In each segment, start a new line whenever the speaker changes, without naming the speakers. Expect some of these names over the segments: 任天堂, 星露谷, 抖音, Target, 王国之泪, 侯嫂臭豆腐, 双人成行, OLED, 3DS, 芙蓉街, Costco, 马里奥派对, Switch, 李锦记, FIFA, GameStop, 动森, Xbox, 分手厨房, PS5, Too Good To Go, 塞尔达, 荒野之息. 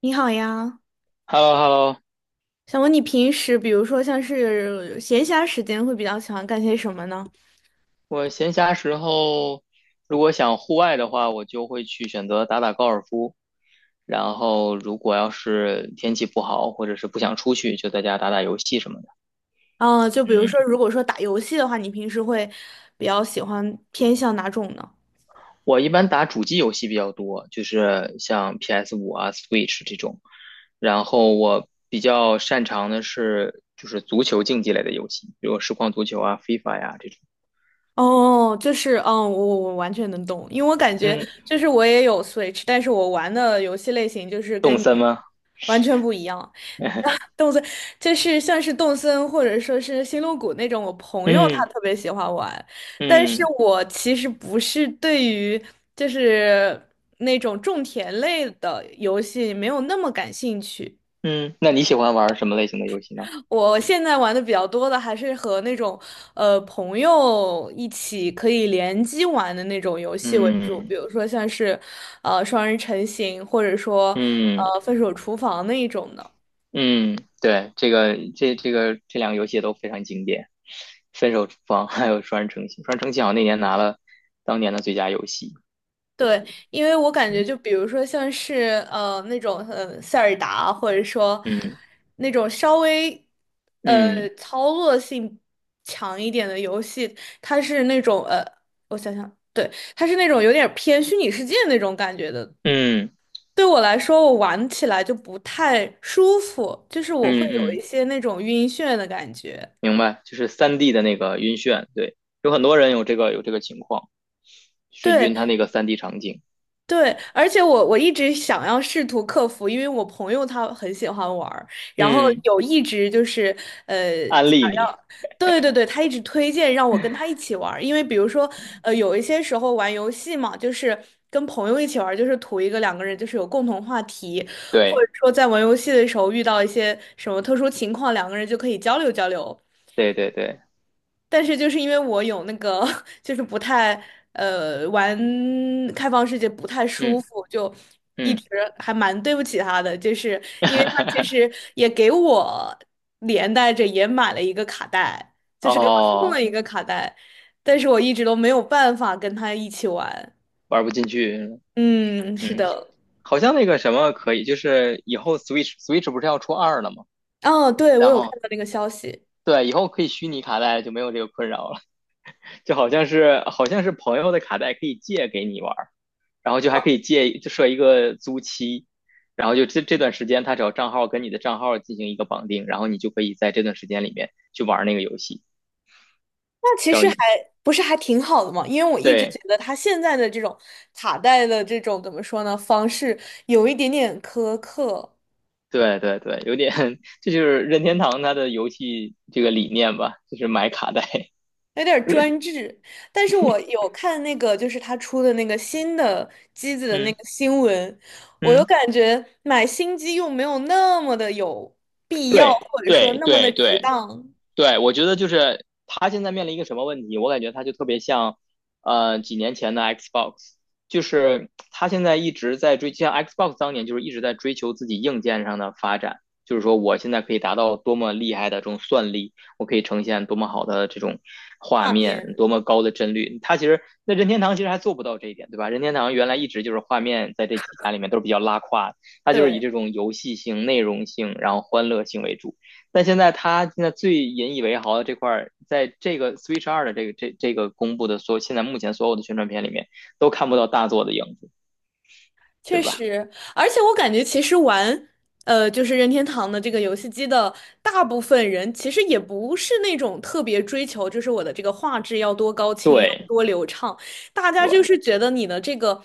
你好呀，
h e l l o h e l l o
想问你平时，比如说像是闲暇时间，会比较喜欢干些什么呢？
我闲暇时候如果想户外的话，我就会去选择打打高尔夫。然后如果要是天气不好，或者是不想出去，就在家打打游戏什么的。
嗯，就比如
嗯，
说，如果说打游戏的话，你平时会比较喜欢偏向哪种呢？
我一般打主机游戏比较多，就是像 p s 五啊、Switch 这种。然后我比较擅长的是足球竞技类的游戏，比如实况足球啊、FIFA 呀、这种。
哦，就是，我完全能懂，因为我感觉
嗯，
就是我也有 Switch，但是我玩的游戏类型就是跟你
什么？
完全不一样。动森就是像是动森或者说是星露谷那种，我朋友他
嗯
特别喜欢玩，但是
嗯
我其实不是对于就是那种种田类的游戏没有那么感兴趣。
嗯，那你喜欢玩什么类型的游戏呢？
我现在玩的比较多的还是和那种朋友一起可以联机玩的那种游戏为主，比
嗯。
如说像是双人成行，或者说
嗯
分手厨房那一种的。
嗯，对，这这两个游戏也都非常经典，《分手厨房》还有《双人成行》，《双人成行》好像那年拿了当年的最佳游戏。对，
对，因为我感觉，
嗯
就比如说像是那种塞尔达，或者说
嗯
那种稍微呃
嗯
操作性强一点的游戏，它是那种我想想，对，它是那种有点偏虚拟世界那种感觉的。
嗯
对我来说，我玩起来就不太舒服，就是我会
嗯
有一
嗯，
些那种晕眩的感觉。
明白，就是三 d 的那个晕眩，对，有很多人有这个情况，是
对，
晕他那个三 d 场景。
对，而且我一直想要试图克服，因为我朋友他很喜欢玩儿然后
嗯，
有一直就是呃
安
想
利你，
要，对对对，他一直推荐让我跟他一起玩儿因为比如说有一些时候玩游戏嘛，就是跟朋友一起玩儿就是图一个两个人就是有共同话题，或者
对
说在玩游戏的时候遇到一些什么特殊情况，两个人就可以交流交流。
对对对，
但是就是因为我有那个，就是不太玩开放世界不太舒
嗯
服，就一
嗯，
直还蛮对不起他的，就是因为他其实 也给我连带着也买了一个卡带，就是给我送
哦，
了一个卡带，但是我一直都没有办法跟他一起玩。
玩不进去，
嗯，是
嗯。
的，
好像那个什么可以，就是以后 Switch 不是要出二了吗？
哦，对，我
然
有看
后
到那个消息。
对，以后可以虚拟卡带，就没有这个困扰了。就好像是朋友的卡带可以借给你玩儿，然后就还可以借，就设一个租期，然后就这段时间他只要账号跟你的账号进行一个绑定，然后你就可以在这段时间里面去玩那个游戏。
那其
只要
实还
一
不是还挺好的嘛，因为我一直觉
对
得他现在的这种卡带的这种怎么说呢方式有一点点苛刻，
对对对，有点 这就是任天堂它的游戏这个理念吧，就是买卡带。
有点儿专制。但是我有看那个就是他出的那个新的机子 的那
嗯
个新闻，我又
嗯，
感觉买新机又没有那么的有必要，
对
或者说
对
那么的
对
值
对
当
对，我觉得就是他现在面临一个什么问题？我感觉他就特别像，几年前的 Xbox，就是他现在一直在追，像 Xbox 当年就是一直在追求自己硬件上的发展，就是说我现在可以达到多么厉害的这种算力，我可以呈现多么好的这种画
画
面，
面。
多么高的帧率。他其实那任天堂其实还做不到这一点，对吧？任天堂原来一直就是画面在这几家里面都是比较拉胯的，它就是以
对。
这种游戏性、内容性，然后欢乐性为主。但现在他现在最引以为豪的这块在这个 Switch 二的这个公布的所有现在目前所有的宣传片里面，都看不到大作的影子，对
确
吧？
实，而且我感觉其实玩，就是任天堂的这个游戏机的大部分人，其实也不是那种特别追求，就是我的这个画质要多高清要
对
胖，大家就是觉得你的这个，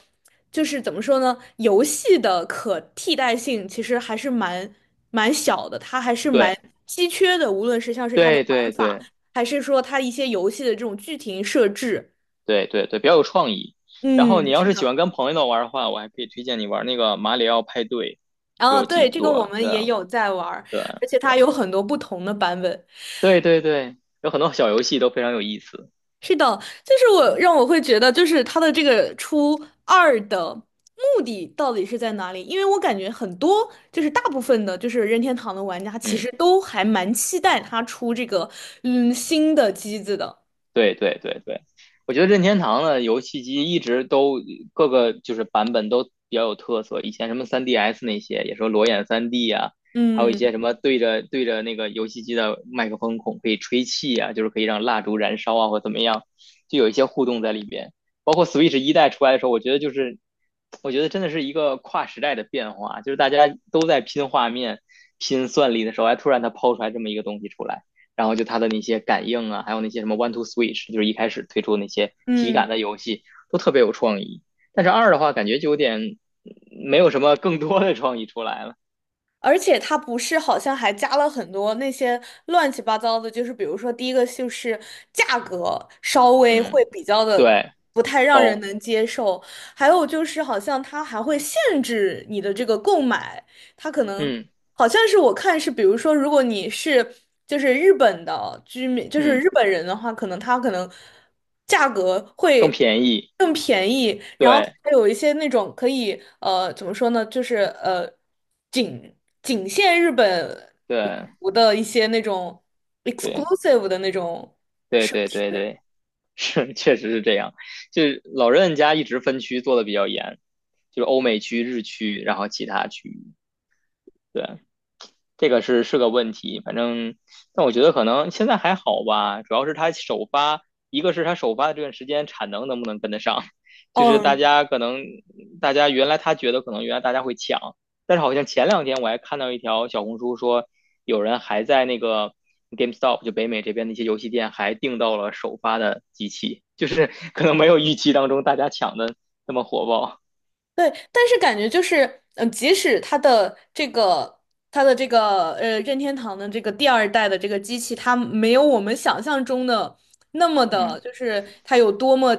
就是怎么说呢，游戏的可替代性其实还是蛮小的，它还是蛮
对
稀缺的，无论是像是它的
对
玩
对
法，
对
还是说它一些游戏的这种剧情设置，
对对对对，比较有创意。然后你
嗯，
要
是
是喜
的。
欢跟朋友玩的话，我还可以推荐你玩那个《马里奥派对》，有几
对，这个我
座，
们
对
也有在玩儿而
对
且它有很多不同的版本。
对对对对，有很多小游戏都非常有意思。
是的，就是我
嗯
让我会觉得，就是它的这个出二的目的到底是在哪里？因为我感觉很多，就是大部分的，就是任天堂的玩家其
嗯。
实都还蛮期待它出这个新的机子的。
对对对对，我觉得任天堂的游戏机一直都各个就是版本都比较有特色。以前什么 3DS 那些，也说裸眼 3D 啊，还有一
嗯
些什么对着那个游戏机的麦克风孔可以吹气啊，就是可以让蜡烛燃烧啊或怎么样，就有一些互动在里边。包括 Switch 一代出来的时候，我觉得真的是一个跨时代的变化，就是大家都在拼画面、拼算力的时候，哎，突然它抛出来这么一个东西出来。然后就它的那些感应啊，还有那些什么 One to Switch，就是一开始推出那些体
嗯。
感的游戏都特别有创意。但是二的话，感觉就有点没有什么更多的创意出来了。
而且它不是好像还加了很多那些乱七八糟的，就是比如说第一个就是价格稍微
嗯，
会比较的
对，
不太让人
高，
能接受，还有就是好像它还会限制你的这个购买，它可能
嗯
好像是我看是，比如说，如果你是就是日本的居民，就是
嗯，
日本人的话，可能他可能价格
更
会
便宜，
更便宜，然后
对
还有一些那种可以怎么说呢，就是仅仅限日本
对
服的一些那种
对
exclusive 的那种
对
设
对对
施，
对，是确实是这样。就是老任家一直分区做的比较严，就是欧美区、日区，然后其他区域，对。这个是是个问题，反正，但我觉得可能现在还好吧，主要是他首发，一个是他首发的这段时间产能能不能跟得上，就是大
嗯，
家可能大家原来他觉得可能原来大家会抢，但是好像前两天我还看到一条小红书说，有人还在那个 GameStop 就北美这边的一些游戏店还订到了首发的机器，就是 可能没有预期当中大家抢的那么火爆，
对，但是感觉就是，即使它的这个任天堂的这个第二代的这个机器，它没有我们想象中的那么
嗯，
的，就是它有多么，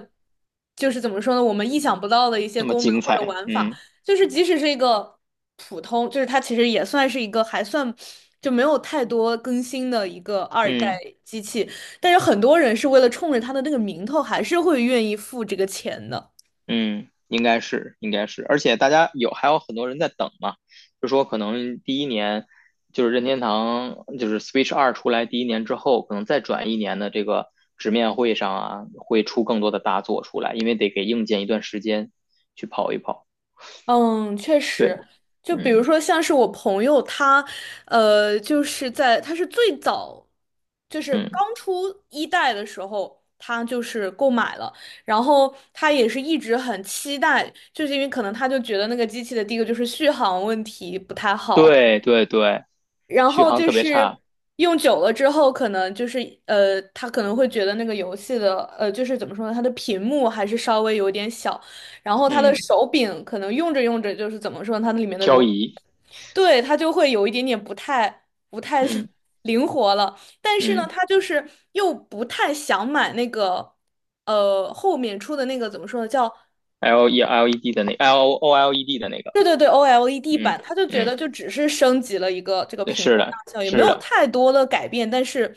就是怎么说呢，我们意想不到的一些
那么
功能
精
或者
彩，
玩法，
嗯
就是即使是一个普通，就是它其实也算是一个还算就没有太多更新的一个二代
嗯。
机器，但是很多人是为了冲着它的那个名头，还是会愿意付这个钱的。
嗯，应该是，应该是，而且大家有还有很多人在等嘛，就说可能第一年就是任天堂就是 Switch 二出来第一年之后，可能再转一年的这个直面会上啊，会出更多的大作出来，因为得给硬件一段时间去跑一跑。
嗯，确
对，
实，就比如
嗯
说像是我朋友他，就是在他是最早，就是
嗯，
刚出一代的时候，他就是购买了，然后他也是一直很期待，就是因为可能他就觉得那个机器的第一个就是续航问题不太好，
对对对，
然
续
后
航
就
特别
是
差，
用久了之后，可能就是他可能会觉得那个游戏的就是怎么说呢，它的屏幕还是稍微有点小，然后它的
嗯，
手柄可能用着用着就是怎么说呢，它里面的
漂移，
对，它就会有一点点不太
嗯
灵活了。但是呢，
嗯，
他就是又不太想买那个后面出的那个怎么说呢，叫
L O L E D 的那个，
对对对，OLED
嗯
版，他就觉
嗯，
得就只是升级了一个这个
对，
屏
是
幕大
的，
小，也没
是
有
的，
太多的改变，但是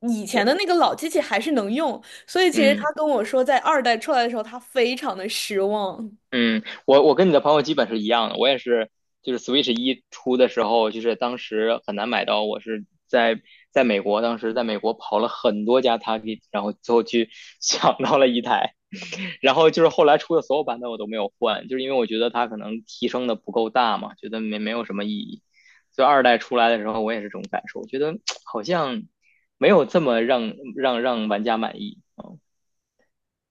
以前
对，
的那个老机器还是能用，所以其实他
嗯。
跟我说，在二代出来的时候，他非常的失望。
嗯，我跟你的朋友基本是一样的，我也是，就是 Switch 一出的时候，就是当时很难买到，我是在在美国，当时在美国跑了很多家 Target，然后最后去 抢到了一台，然后就是后来出的所有版本我都没有换，就是因为我觉得它可能提升的不够大嘛，觉得没有什么意义。所以二代出来的时候，我也是这种感受，我觉得 好像没有这么让玩家满意。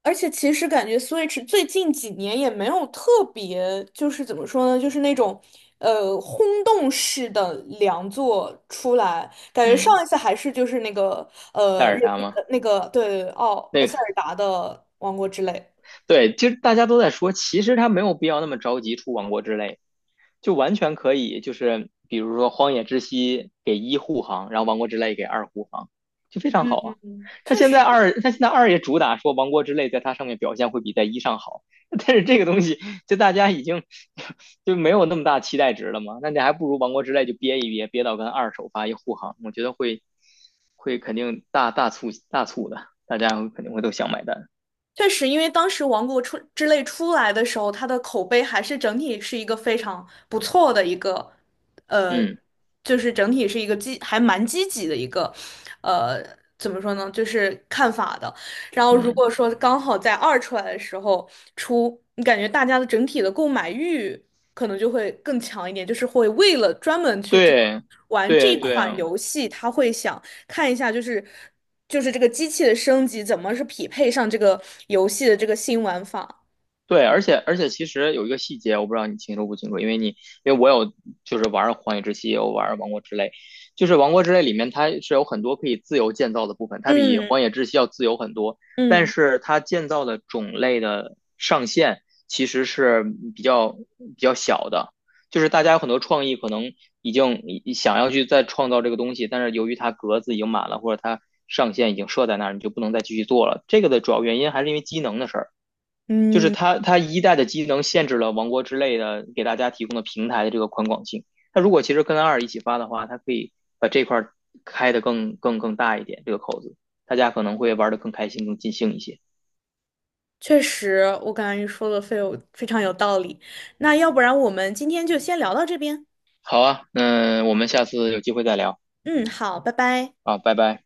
而且其实感觉 Switch 最近几年也没有特别，就是怎么说呢，就是那种轰动式的良作出来，感觉
嗯，
上
嗯
一次还是就是那个
塞
呃任
尔达
天
吗？
那个对奥呃
那
塞
个。
尔达的王国之泪。
对，其实大家都在说，其实他没有必要那么着急出王国之泪，就完全可以，就是比如说《荒野之息》给一护航，然后王国之泪给二护航，就非常好啊。
嗯，确实，
他现在二也主打说王国之泪在它上面表现会比在一上好，但是这个东西就大家已经就没有那么大期待值了嘛，那你还不如王国之泪就憋一憋，憋到跟二首发一护航，我觉得会肯定大促的，大家肯定会都想买单，
确实，因为当时《王国出之泪》出来的时候，它的口碑还是整体是一个非常不错的一个，呃，
嗯
就是整体是一个还蛮积极的一个，呃，怎么说呢，就是看法的。然后如
嗯。
果说刚好在二出来的时候出，你感觉大家的整体的购买欲可能就会更强一点，就是会为了专门去这个
对，
玩这
对
一对
对
款
啊，
游戏，他会想。看一下，就是这个机器的升级怎么是匹配上这个游戏的这个新玩法。
对，而且其实有一个细节，我不知道你清楚不清楚，因为我有就是玩儿《荒野之息》，也有玩儿《王国之泪》，就是《王国之泪》里面它是有很多可以自由建造的部分，它比
嗯
《荒野之息》要自由很多，但
嗯
是它建造的种类的上限其实是比较比较小的，就是大家有很多创意可能已经想要去再创造这个东西，但是由于它格子已经满了，或者它上限已经设在那儿，你就不能再继续做了。这个的主要原因还是因为机能的事儿。就是
嗯，
它一代的机能限制了王国之类的给大家提供的平台的这个宽广性。它如果其实跟二一起发的话，它可以把这块开得更大一点，这个口子，大家可能会玩得更开心、更尽兴一些。
确实，我感觉你说的非常有道理。那要不然我们今天就先聊到这边。
好啊，那我们下次有机会再聊
嗯，好，拜拜。
啊，拜拜。